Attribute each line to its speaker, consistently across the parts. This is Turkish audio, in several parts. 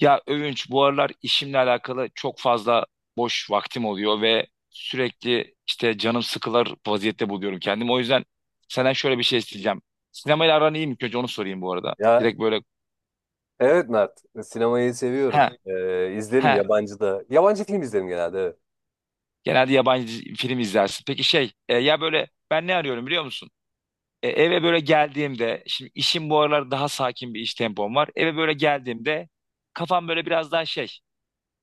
Speaker 1: Ya Övünç, bu aralar işimle alakalı çok fazla boş vaktim oluyor ve sürekli işte canım sıkılır vaziyette buluyorum kendimi. O yüzden senden şöyle bir şey isteyeceğim. Sinemayla aran iyi mi? İlk önce onu sorayım bu arada.
Speaker 2: Ya
Speaker 1: Direkt böyle.
Speaker 2: evet Mert, sinemayı
Speaker 1: He,
Speaker 2: seviyorum. İzlerim
Speaker 1: he.
Speaker 2: yabancı da. Yabancı film izlerim genelde, evet.
Speaker 1: Genelde yabancı film izlersin. Peki şey ya böyle ben ne arıyorum biliyor musun? Eve böyle geldiğimde şimdi işim bu aralar daha sakin bir iş tempom var. Eve böyle geldiğimde kafam böyle biraz daha şey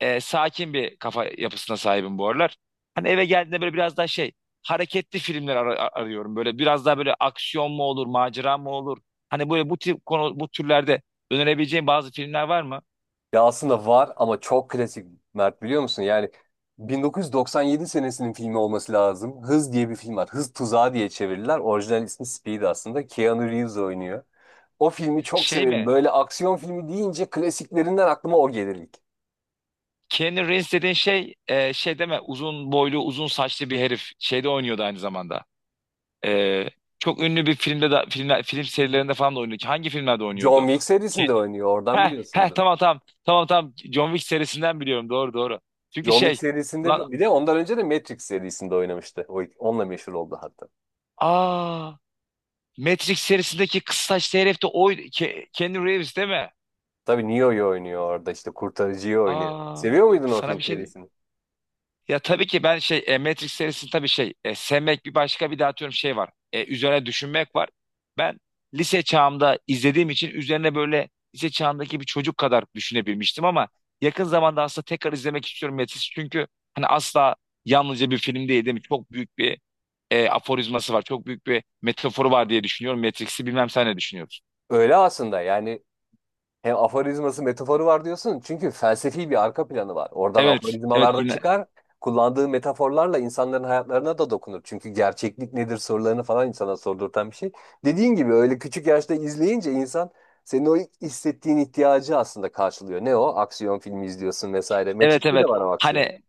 Speaker 1: sakin bir kafa yapısına sahibim bu aralar. Hani eve geldiğinde böyle biraz daha şey hareketli filmler arıyorum. Böyle biraz daha böyle aksiyon mu olur, macera mı olur? Hani böyle bu tip konu bu türlerde önerebileceğim bazı filmler var mı?
Speaker 2: Ya aslında var ama çok klasik Mert, biliyor musun? Yani 1997 senesinin filmi olması lazım. Hız diye bir film var. Hız Tuzağı diye çevirdiler. Orijinal ismi Speed aslında. Keanu Reeves oynuyor. O filmi çok
Speaker 1: Şey
Speaker 2: severim.
Speaker 1: mi?
Speaker 2: Böyle aksiyon filmi deyince klasiklerinden aklıma o gelir ilk.
Speaker 1: Keanu Reeves dediğin şey şey deme, uzun boylu uzun saçlı bir herif şeyde oynuyordu aynı zamanda. E, çok ünlü bir filmde de, filmler, film serilerinde falan da oynuyordu. Hangi filmlerde oynuyordu?
Speaker 2: John Wick serisinde oynuyor. Oradan
Speaker 1: Heh, heh,
Speaker 2: biliyorsundur.
Speaker 1: tamam tamam. Tamam tamam. John Wick serisinden biliyorum. Doğru doğru. Çünkü
Speaker 2: John Wick
Speaker 1: şey. lan
Speaker 2: serisinde bir de ondan önce de Matrix serisinde oynamıştı. Onunla meşhur oldu hatta.
Speaker 1: aa Matrix serisindeki kıs saçlı herif de o Keanu Reeves, değil mi?
Speaker 2: Tabii Neo'yu oynuyor orada, işte kurtarıcıyı oynuyor.
Speaker 1: Aa,
Speaker 2: Seviyor muydun o
Speaker 1: sana
Speaker 2: film
Speaker 1: bir şey diyeyim.
Speaker 2: serisini?
Speaker 1: Ya tabii ki ben şey Matrix serisi tabii şey sevmek bir başka, bir de atıyorum şey var. Üzerine düşünmek var. Ben lise çağımda izlediğim için üzerine böyle lise çağındaki bir çocuk kadar düşünebilmiştim ama yakın zamanda aslında tekrar izlemek istiyorum Matrix, çünkü hani asla yalnızca bir film değil, değil mi? Çok büyük bir aforizması var. Çok büyük bir metaforu var diye düşünüyorum. Matrix'i bilmem, sen ne düşünüyorsun?
Speaker 2: Öyle aslında. Yani hem aforizması metaforu var diyorsun çünkü felsefi bir arka planı var. Oradan
Speaker 1: Evet, evet,
Speaker 2: aforizmalar da çıkar. Kullandığı metaforlarla insanların hayatlarına da dokunur. Çünkü gerçeklik nedir sorularını falan insana sordurtan bir şey. Dediğin gibi öyle küçük yaşta izleyince insan, senin o hissettiğin ihtiyacı aslında karşılıyor. Ne o? Aksiyon filmi izliyorsun vesaire.
Speaker 1: evet,
Speaker 2: Matrix'te de
Speaker 1: evet.
Speaker 2: var o aksiyon.
Speaker 1: Hani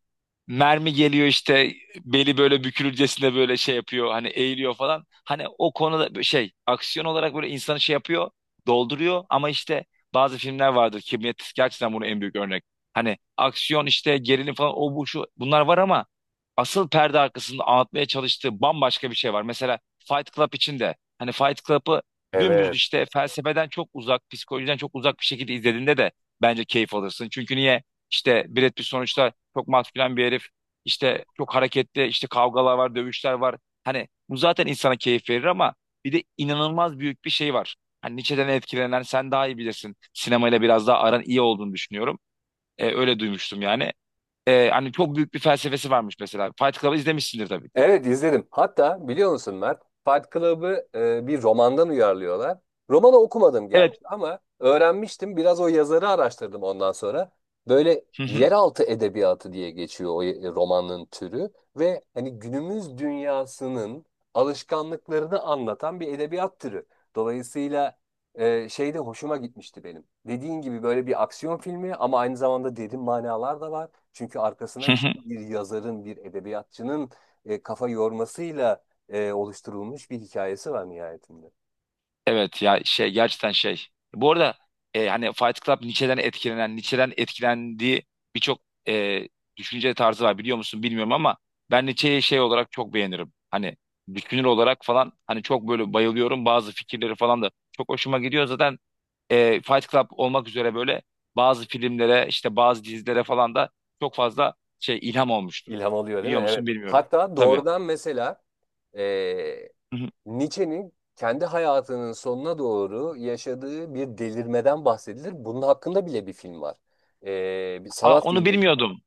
Speaker 1: mermi geliyor işte, beli böyle bükülürcesine böyle şey yapıyor hani, eğiliyor falan. Hani o konuda böyle şey aksiyon olarak böyle insanı şey yapıyor, dolduruyor ama işte bazı filmler vardır, Kibriyatik gerçekten bunun en büyük örnek. Hani aksiyon işte, gerilim falan o bu şu bunlar var ama asıl perde arkasında anlatmaya çalıştığı bambaşka bir şey var. Mesela Fight Club için de, hani Fight Club'ı dümdüz
Speaker 2: Evet.
Speaker 1: işte felsefeden çok uzak, psikolojiden çok uzak bir şekilde izlediğinde de bence keyif alırsın. Çünkü niye? İşte Brad Pitt sonuçta çok maskülen bir herif. İşte çok hareketli, işte kavgalar var, dövüşler var. Hani bu zaten insana keyif verir ama bir de inanılmaz büyük bir şey var. Hani Nietzsche'den etkilenen, sen daha iyi bilirsin. Sinemayla biraz daha aran iyi olduğunu düşünüyorum. Öyle duymuştum yani. Hani çok büyük bir felsefesi varmış mesela. Fight Club'ı izlemişsindir tabii ki.
Speaker 2: Evet, izledim. Hatta biliyor musun Mert? Fight Club'ı bir romandan uyarlıyorlar. Romanı okumadım gerçi
Speaker 1: Evet.
Speaker 2: ama öğrenmiştim. Biraz o yazarı araştırdım ondan sonra. Böyle yeraltı edebiyatı diye geçiyor o romanın türü ve hani günümüz dünyasının alışkanlıklarını anlatan bir edebiyat türü. Dolayısıyla şey de hoşuma gitmişti benim. Dediğin gibi böyle bir aksiyon filmi ama aynı zamanda derin manalar da var. Çünkü arkasına işte bir yazarın, bir edebiyatçının kafa yormasıyla oluşturulmuş bir hikayesi var nihayetinde.
Speaker 1: Evet ya, şey gerçekten şey. Bu arada hani Fight Club Nietzsche'den etkilenen, Nietzsche'den etkilendiği birçok e, düşünce tarzı var, biliyor musun bilmiyorum ama ben Nietzsche'yi şey olarak çok beğenirim. Hani düşünür olarak falan, hani çok böyle bayılıyorum. Bazı fikirleri falan da çok hoşuma gidiyor. Zaten Fight Club olmak üzere böyle bazı filmlere, işte bazı dizilere falan da çok fazla şey ilham olmuştur.
Speaker 2: İlham alıyor değil mi?
Speaker 1: Biliyor musun
Speaker 2: Evet.
Speaker 1: bilmiyorum.
Speaker 2: Hatta
Speaker 1: Tabii.
Speaker 2: doğrudan mesela e,
Speaker 1: Hı hı.
Speaker 2: Nietzsche'nin kendi hayatının sonuna doğru yaşadığı bir delirmeden bahsedilir. Bunun hakkında bile bir film var. Bir
Speaker 1: Aa,
Speaker 2: sanat
Speaker 1: onu
Speaker 2: filmi.
Speaker 1: bilmiyordum.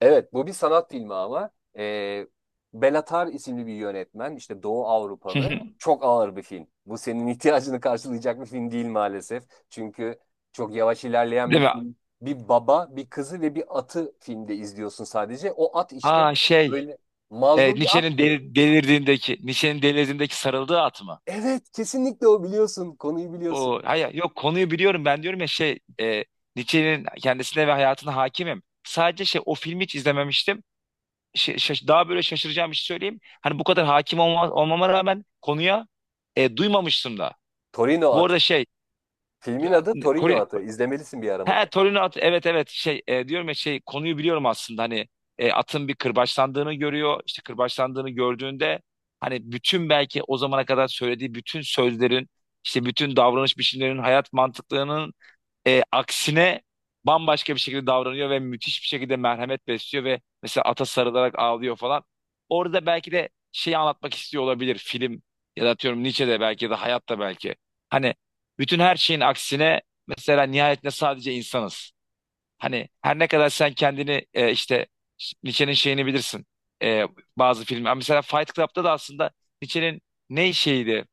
Speaker 2: Evet, bu bir sanat filmi ama e, Belatar isimli bir yönetmen, işte Doğu Avrupalı, çok ağır bir film. Bu senin ihtiyacını karşılayacak bir film değil maalesef. Çünkü çok yavaş ilerleyen bir
Speaker 1: Değil mi?
Speaker 2: film. Bir baba, bir kızı ve bir atı filmde izliyorsun sadece. O at işte
Speaker 1: Aa, şey.
Speaker 2: öyle
Speaker 1: E,
Speaker 2: mazlum bir at
Speaker 1: Nietzsche'nin
Speaker 2: ki.
Speaker 1: delirdiğindeki, Nietzsche'nin delirdiğindeki sarıldığı at mı?
Speaker 2: Evet, kesinlikle o, biliyorsun, konuyu biliyorsun.
Speaker 1: O, hayır, yok, konuyu biliyorum ben diyorum ya, şey Nietzsche'nin kendisine ve hayatına hakimim. Sadece şey, o filmi hiç izlememiştim. Şey, daha böyle şaşıracağım bir şey söyleyeyim. Hani bu kadar hakim olmama rağmen konuya duymamıştım da.
Speaker 2: Torino
Speaker 1: Bu
Speaker 2: atı.
Speaker 1: arada
Speaker 2: Filmin adı Torino
Speaker 1: şey.
Speaker 2: atı. İzlemelisin bir ara
Speaker 1: He,
Speaker 2: mutlaka.
Speaker 1: Torino at, evet evet, şey diyorum ya şey, konuyu biliyorum aslında hani atın bir kırbaçlandığını görüyor, işte kırbaçlandığını gördüğünde hani bütün, belki o zamana kadar söylediği bütün sözlerin, işte bütün davranış biçimlerinin, hayat mantıklarının aksine bambaşka bir şekilde davranıyor ve müthiş bir şekilde merhamet besliyor ve mesela ata sarılarak ağlıyor falan. Orada belki de şeyi anlatmak istiyor olabilir film, ya da atıyorum Nietzsche'de belki, ya da hayatta belki. Hani bütün her şeyin aksine, mesela nihayetinde sadece insanız. Hani her ne kadar sen kendini işte Nietzsche'nin şeyini bilirsin. E, bazı film. Ha, mesela Fight Club'da da aslında Nietzsche'nin ne şeydi?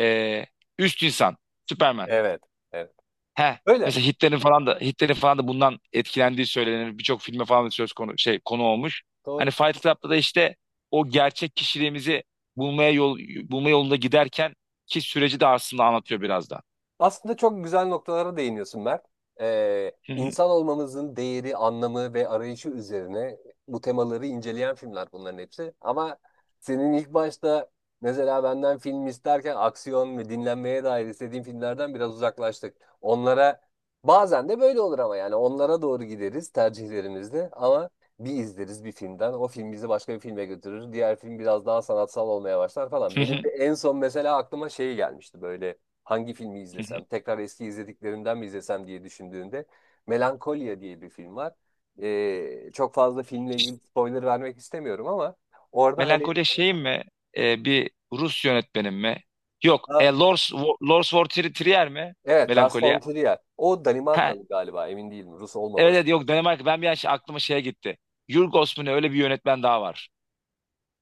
Speaker 1: E, üst insan. Superman.
Speaker 2: Evet, evet.
Speaker 1: He.
Speaker 2: Öyle.
Speaker 1: Mesela Hitler'in falan da, Hitler'in falan da bundan etkilendiği söylenir. Birçok filme falan da söz konu, şey konu olmuş. Hani
Speaker 2: Doğru.
Speaker 1: Fight Club'da da işte o gerçek kişiliğimizi bulmaya yol, bulma yolunda giderken ki süreci de aslında anlatıyor biraz da.
Speaker 2: Aslında çok güzel noktalara değiniyorsun Mert.
Speaker 1: Hı hı,
Speaker 2: İnsan olmamızın değeri, anlamı ve arayışı üzerine bu temaları inceleyen filmler bunların hepsi. Ama senin ilk başta mesela benden film isterken aksiyon ve dinlenmeye dair istediğin filmlerden biraz uzaklaştık. Onlara, bazen de böyle olur ama, yani onlara doğru gideriz tercihlerimizde ama bir izleriz bir filmden. O film bizi başka bir filme götürür. Diğer film biraz daha sanatsal olmaya başlar falan.
Speaker 1: hı
Speaker 2: Benim
Speaker 1: hı,
Speaker 2: de en son mesela aklıma şey gelmişti, böyle hangi filmi
Speaker 1: hı hı.
Speaker 2: izlesem, tekrar eski izlediklerimden mi izlesem diye düşündüğünde Melankolia diye bir film var. Çok fazla filmle ilgili spoiler vermek istemiyorum ama orada hani,
Speaker 1: Melancholia şeyim mi? Bir Rus yönetmenim mi? Yok.
Speaker 2: ha,
Speaker 1: Lars von Trier mi?
Speaker 2: evet Lars von
Speaker 1: Melancholia.
Speaker 2: Trier o
Speaker 1: Ha,
Speaker 2: Danimarkalı galiba, emin değilim, Rus
Speaker 1: evet,
Speaker 2: olmaması
Speaker 1: evet, yok
Speaker 2: lazım.
Speaker 1: Danimarka. Ben bir an aklıma şeye gitti. Yorgos mu ne, öyle bir yönetmen daha var.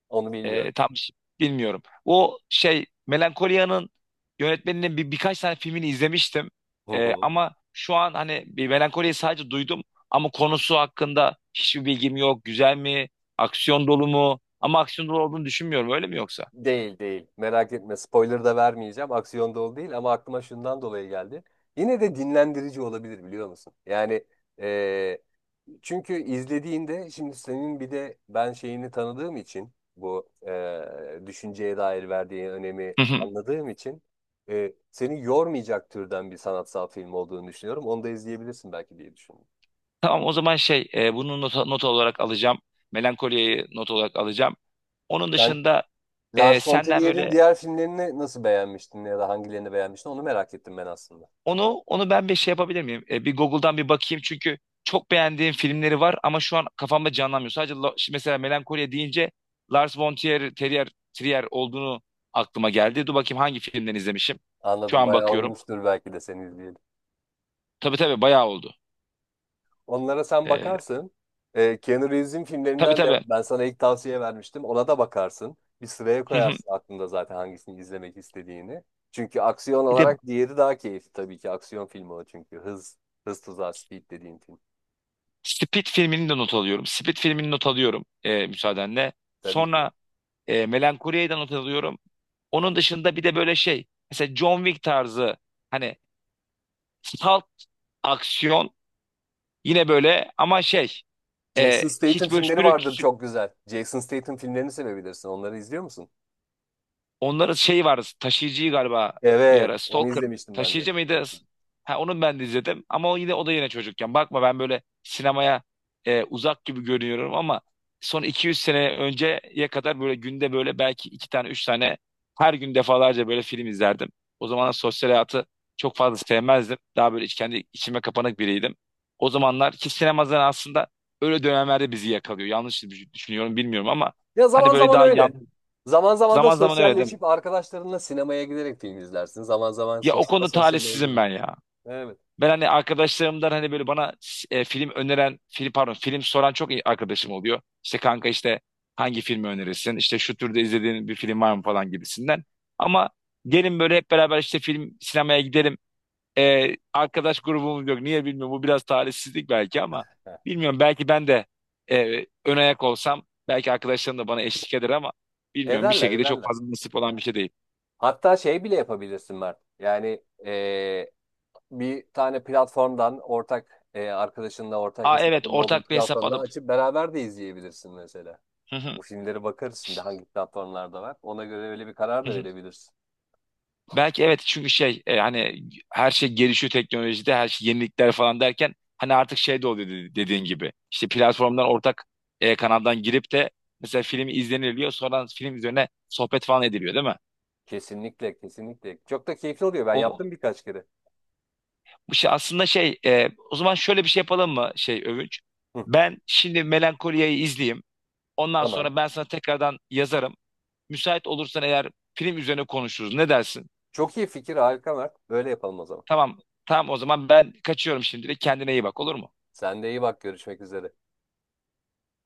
Speaker 2: Onu bilmiyorum.
Speaker 1: Tam bilmiyorum. O şey, Melankolia'nın yönetmeninin birkaç tane filmini izlemiştim.
Speaker 2: Hı
Speaker 1: E,
Speaker 2: hı.
Speaker 1: ama şu an hani bir, Melankolia'yı sadece duydum ama konusu hakkında hiçbir bilgim yok. Güzel mi? Aksiyon dolu mu? Ama aksiyon dolu olduğunu düşünmüyorum. Öyle mi yoksa?
Speaker 2: Değil değil, merak etme, spoiler da vermeyeceğim, aksiyon dolu değil ama aklıma şundan dolayı geldi. Yine de dinlendirici olabilir biliyor musun? Yani çünkü izlediğinde, şimdi senin bir de ben şeyini tanıdığım için, bu düşünceye dair verdiği önemi
Speaker 1: Hı hı.
Speaker 2: anladığım için seni yormayacak türden bir sanatsal film olduğunu düşünüyorum. Onu da izleyebilirsin belki diye düşündüm.
Speaker 1: Tamam o zaman şey bunu not olarak alacağım. Melankoliyi not olarak alacağım. Onun
Speaker 2: Sen
Speaker 1: dışında
Speaker 2: Lars von
Speaker 1: senden
Speaker 2: Trier'in
Speaker 1: böyle,
Speaker 2: diğer filmlerini nasıl beğenmiştin ya da hangilerini beğenmiştin onu merak ettim ben aslında.
Speaker 1: onu ben bir şey yapabilir miyim? Bir Google'dan bir bakayım, çünkü çok beğendiğim filmleri var ama şu an kafamda canlanmıyor. Sadece şimdi mesela, Melankoliye deyince Lars von Trier, Terrier, Trier olduğunu aklıma geldi. Dur bakayım hangi filmden izlemişim. Şu
Speaker 2: Anladım,
Speaker 1: an
Speaker 2: bayağı
Speaker 1: bakıyorum.
Speaker 2: olmuştur belki de seni izleyeli.
Speaker 1: Tabii tabii, bayağı oldu.
Speaker 2: Onlara sen
Speaker 1: E,
Speaker 2: bakarsın. Keanu Reeves'in
Speaker 1: tabii
Speaker 2: filmlerinden de
Speaker 1: tabii.
Speaker 2: ben sana ilk tavsiye vermiştim. Ona da bakarsın. Bir sıraya
Speaker 1: Hı hı.
Speaker 2: koyarsın aklında zaten hangisini izlemek istediğini. Çünkü aksiyon
Speaker 1: Bir de
Speaker 2: olarak diğeri daha keyifli tabii ki. Aksiyon filmi o çünkü. Hız, Hız Tuzağı, Speed dediğin film.
Speaker 1: Split filmini de not alıyorum. Split filmini not alıyorum müsaadenle.
Speaker 2: Tabii ki.
Speaker 1: Sonra Melankolia'yı da not alıyorum. Onun dışında bir de böyle şey. Mesela John Wick tarzı hani, salt aksiyon. Yine böyle ama şey
Speaker 2: Jason Statham
Speaker 1: hiç böyle
Speaker 2: filmleri vardır çok güzel. Jason Statham filmlerini sevebilirsin. Onları izliyor musun?
Speaker 1: onların şey vardı, taşıyıcıyı galiba, bir
Speaker 2: Evet,
Speaker 1: ara
Speaker 2: onu
Speaker 1: Stalker,
Speaker 2: izlemiştim ben de.
Speaker 1: taşıyıcı mıydı? Ha, onu ben de izledim ama o yine, o da yine çocukken. Bakma, ben böyle sinemaya uzak gibi görünüyorum ama son 200 sene önceye kadar böyle günde böyle belki iki tane üç tane, her gün defalarca böyle film izlerdim. O zamanlar sosyal hayatı çok fazla sevmezdim. Daha böyle iç, kendi içime kapanık biriydim. O zamanlar ki sinemazdan aslında, öyle dönemlerde bizi yakalıyor. Yanlış düşünüyorum bilmiyorum ama
Speaker 2: Ya
Speaker 1: hani
Speaker 2: zaman
Speaker 1: böyle
Speaker 2: zaman
Speaker 1: daha yan,
Speaker 2: öyle. Zaman zaman da
Speaker 1: zaman zaman öyle.
Speaker 2: sosyalleşip arkadaşlarınla sinemaya giderek film izlersin. Zaman zaman
Speaker 1: Ya
Speaker 2: sos
Speaker 1: o konuda
Speaker 2: sosyal
Speaker 1: talihsizim
Speaker 2: olduğunu.
Speaker 1: ben ya.
Speaker 2: Evet.
Speaker 1: Ben hani arkadaşlarımdan hani böyle bana film öneren, film pardon, film soran çok iyi arkadaşım oluyor. İşte kanka, işte hangi filmi önerirsin? İşte şu türde izlediğin bir film var mı falan gibisinden. Ama gelin böyle hep beraber işte film, sinemaya gidelim. Arkadaş grubumuz yok. Niye bilmiyorum. Bu biraz talihsizlik belki ama
Speaker 2: Heh.
Speaker 1: bilmiyorum. Belki ben de ön ayak olsam belki arkadaşlarım da bana eşlik eder ama bilmiyorum. Bir
Speaker 2: Ederler
Speaker 1: şekilde çok
Speaker 2: ederler.
Speaker 1: fazla nasip olan bir şey değil.
Speaker 2: Hatta şey bile yapabilirsin Mert. Yani bir tane platformdan ortak, arkadaşınla ortak
Speaker 1: Aa, evet,
Speaker 2: hesabında olduğu
Speaker 1: ortak bir hesap
Speaker 2: platformdan
Speaker 1: alıp.
Speaker 2: açıp beraber de izleyebilirsin mesela. Bu filmlere bakarız şimdi hangi platformlarda var. Ona göre öyle bir karar da verebilirsin.
Speaker 1: Belki, evet, çünkü şey hani her şey gelişiyor, teknolojide her şey yenilikler falan derken hani artık şey de oluyor dediğin gibi. İşte platformdan ortak kanaldan girip de mesela film izleniliyor, sonra film üzerine sohbet falan ediliyor, değil mi?
Speaker 2: Kesinlikle kesinlikle. Çok da keyifli oluyor. Ben
Speaker 1: O
Speaker 2: yaptım birkaç kere.
Speaker 1: bu şey aslında, şey o zaman şöyle bir şey yapalım mı şey, Övünç?
Speaker 2: Hı,
Speaker 1: Ben şimdi Melankolia'yı izleyeyim. Ondan
Speaker 2: tamam.
Speaker 1: sonra ben sana tekrardan yazarım. Müsait olursan eğer film üzerine konuşuruz. Ne dersin?
Speaker 2: Çok iyi fikir, harika Mert. Böyle yapalım o zaman.
Speaker 1: Tamam. Tamam o zaman ben kaçıyorum şimdilik. Kendine iyi bak, olur mu?
Speaker 2: Sen de iyi bak, görüşmek üzere.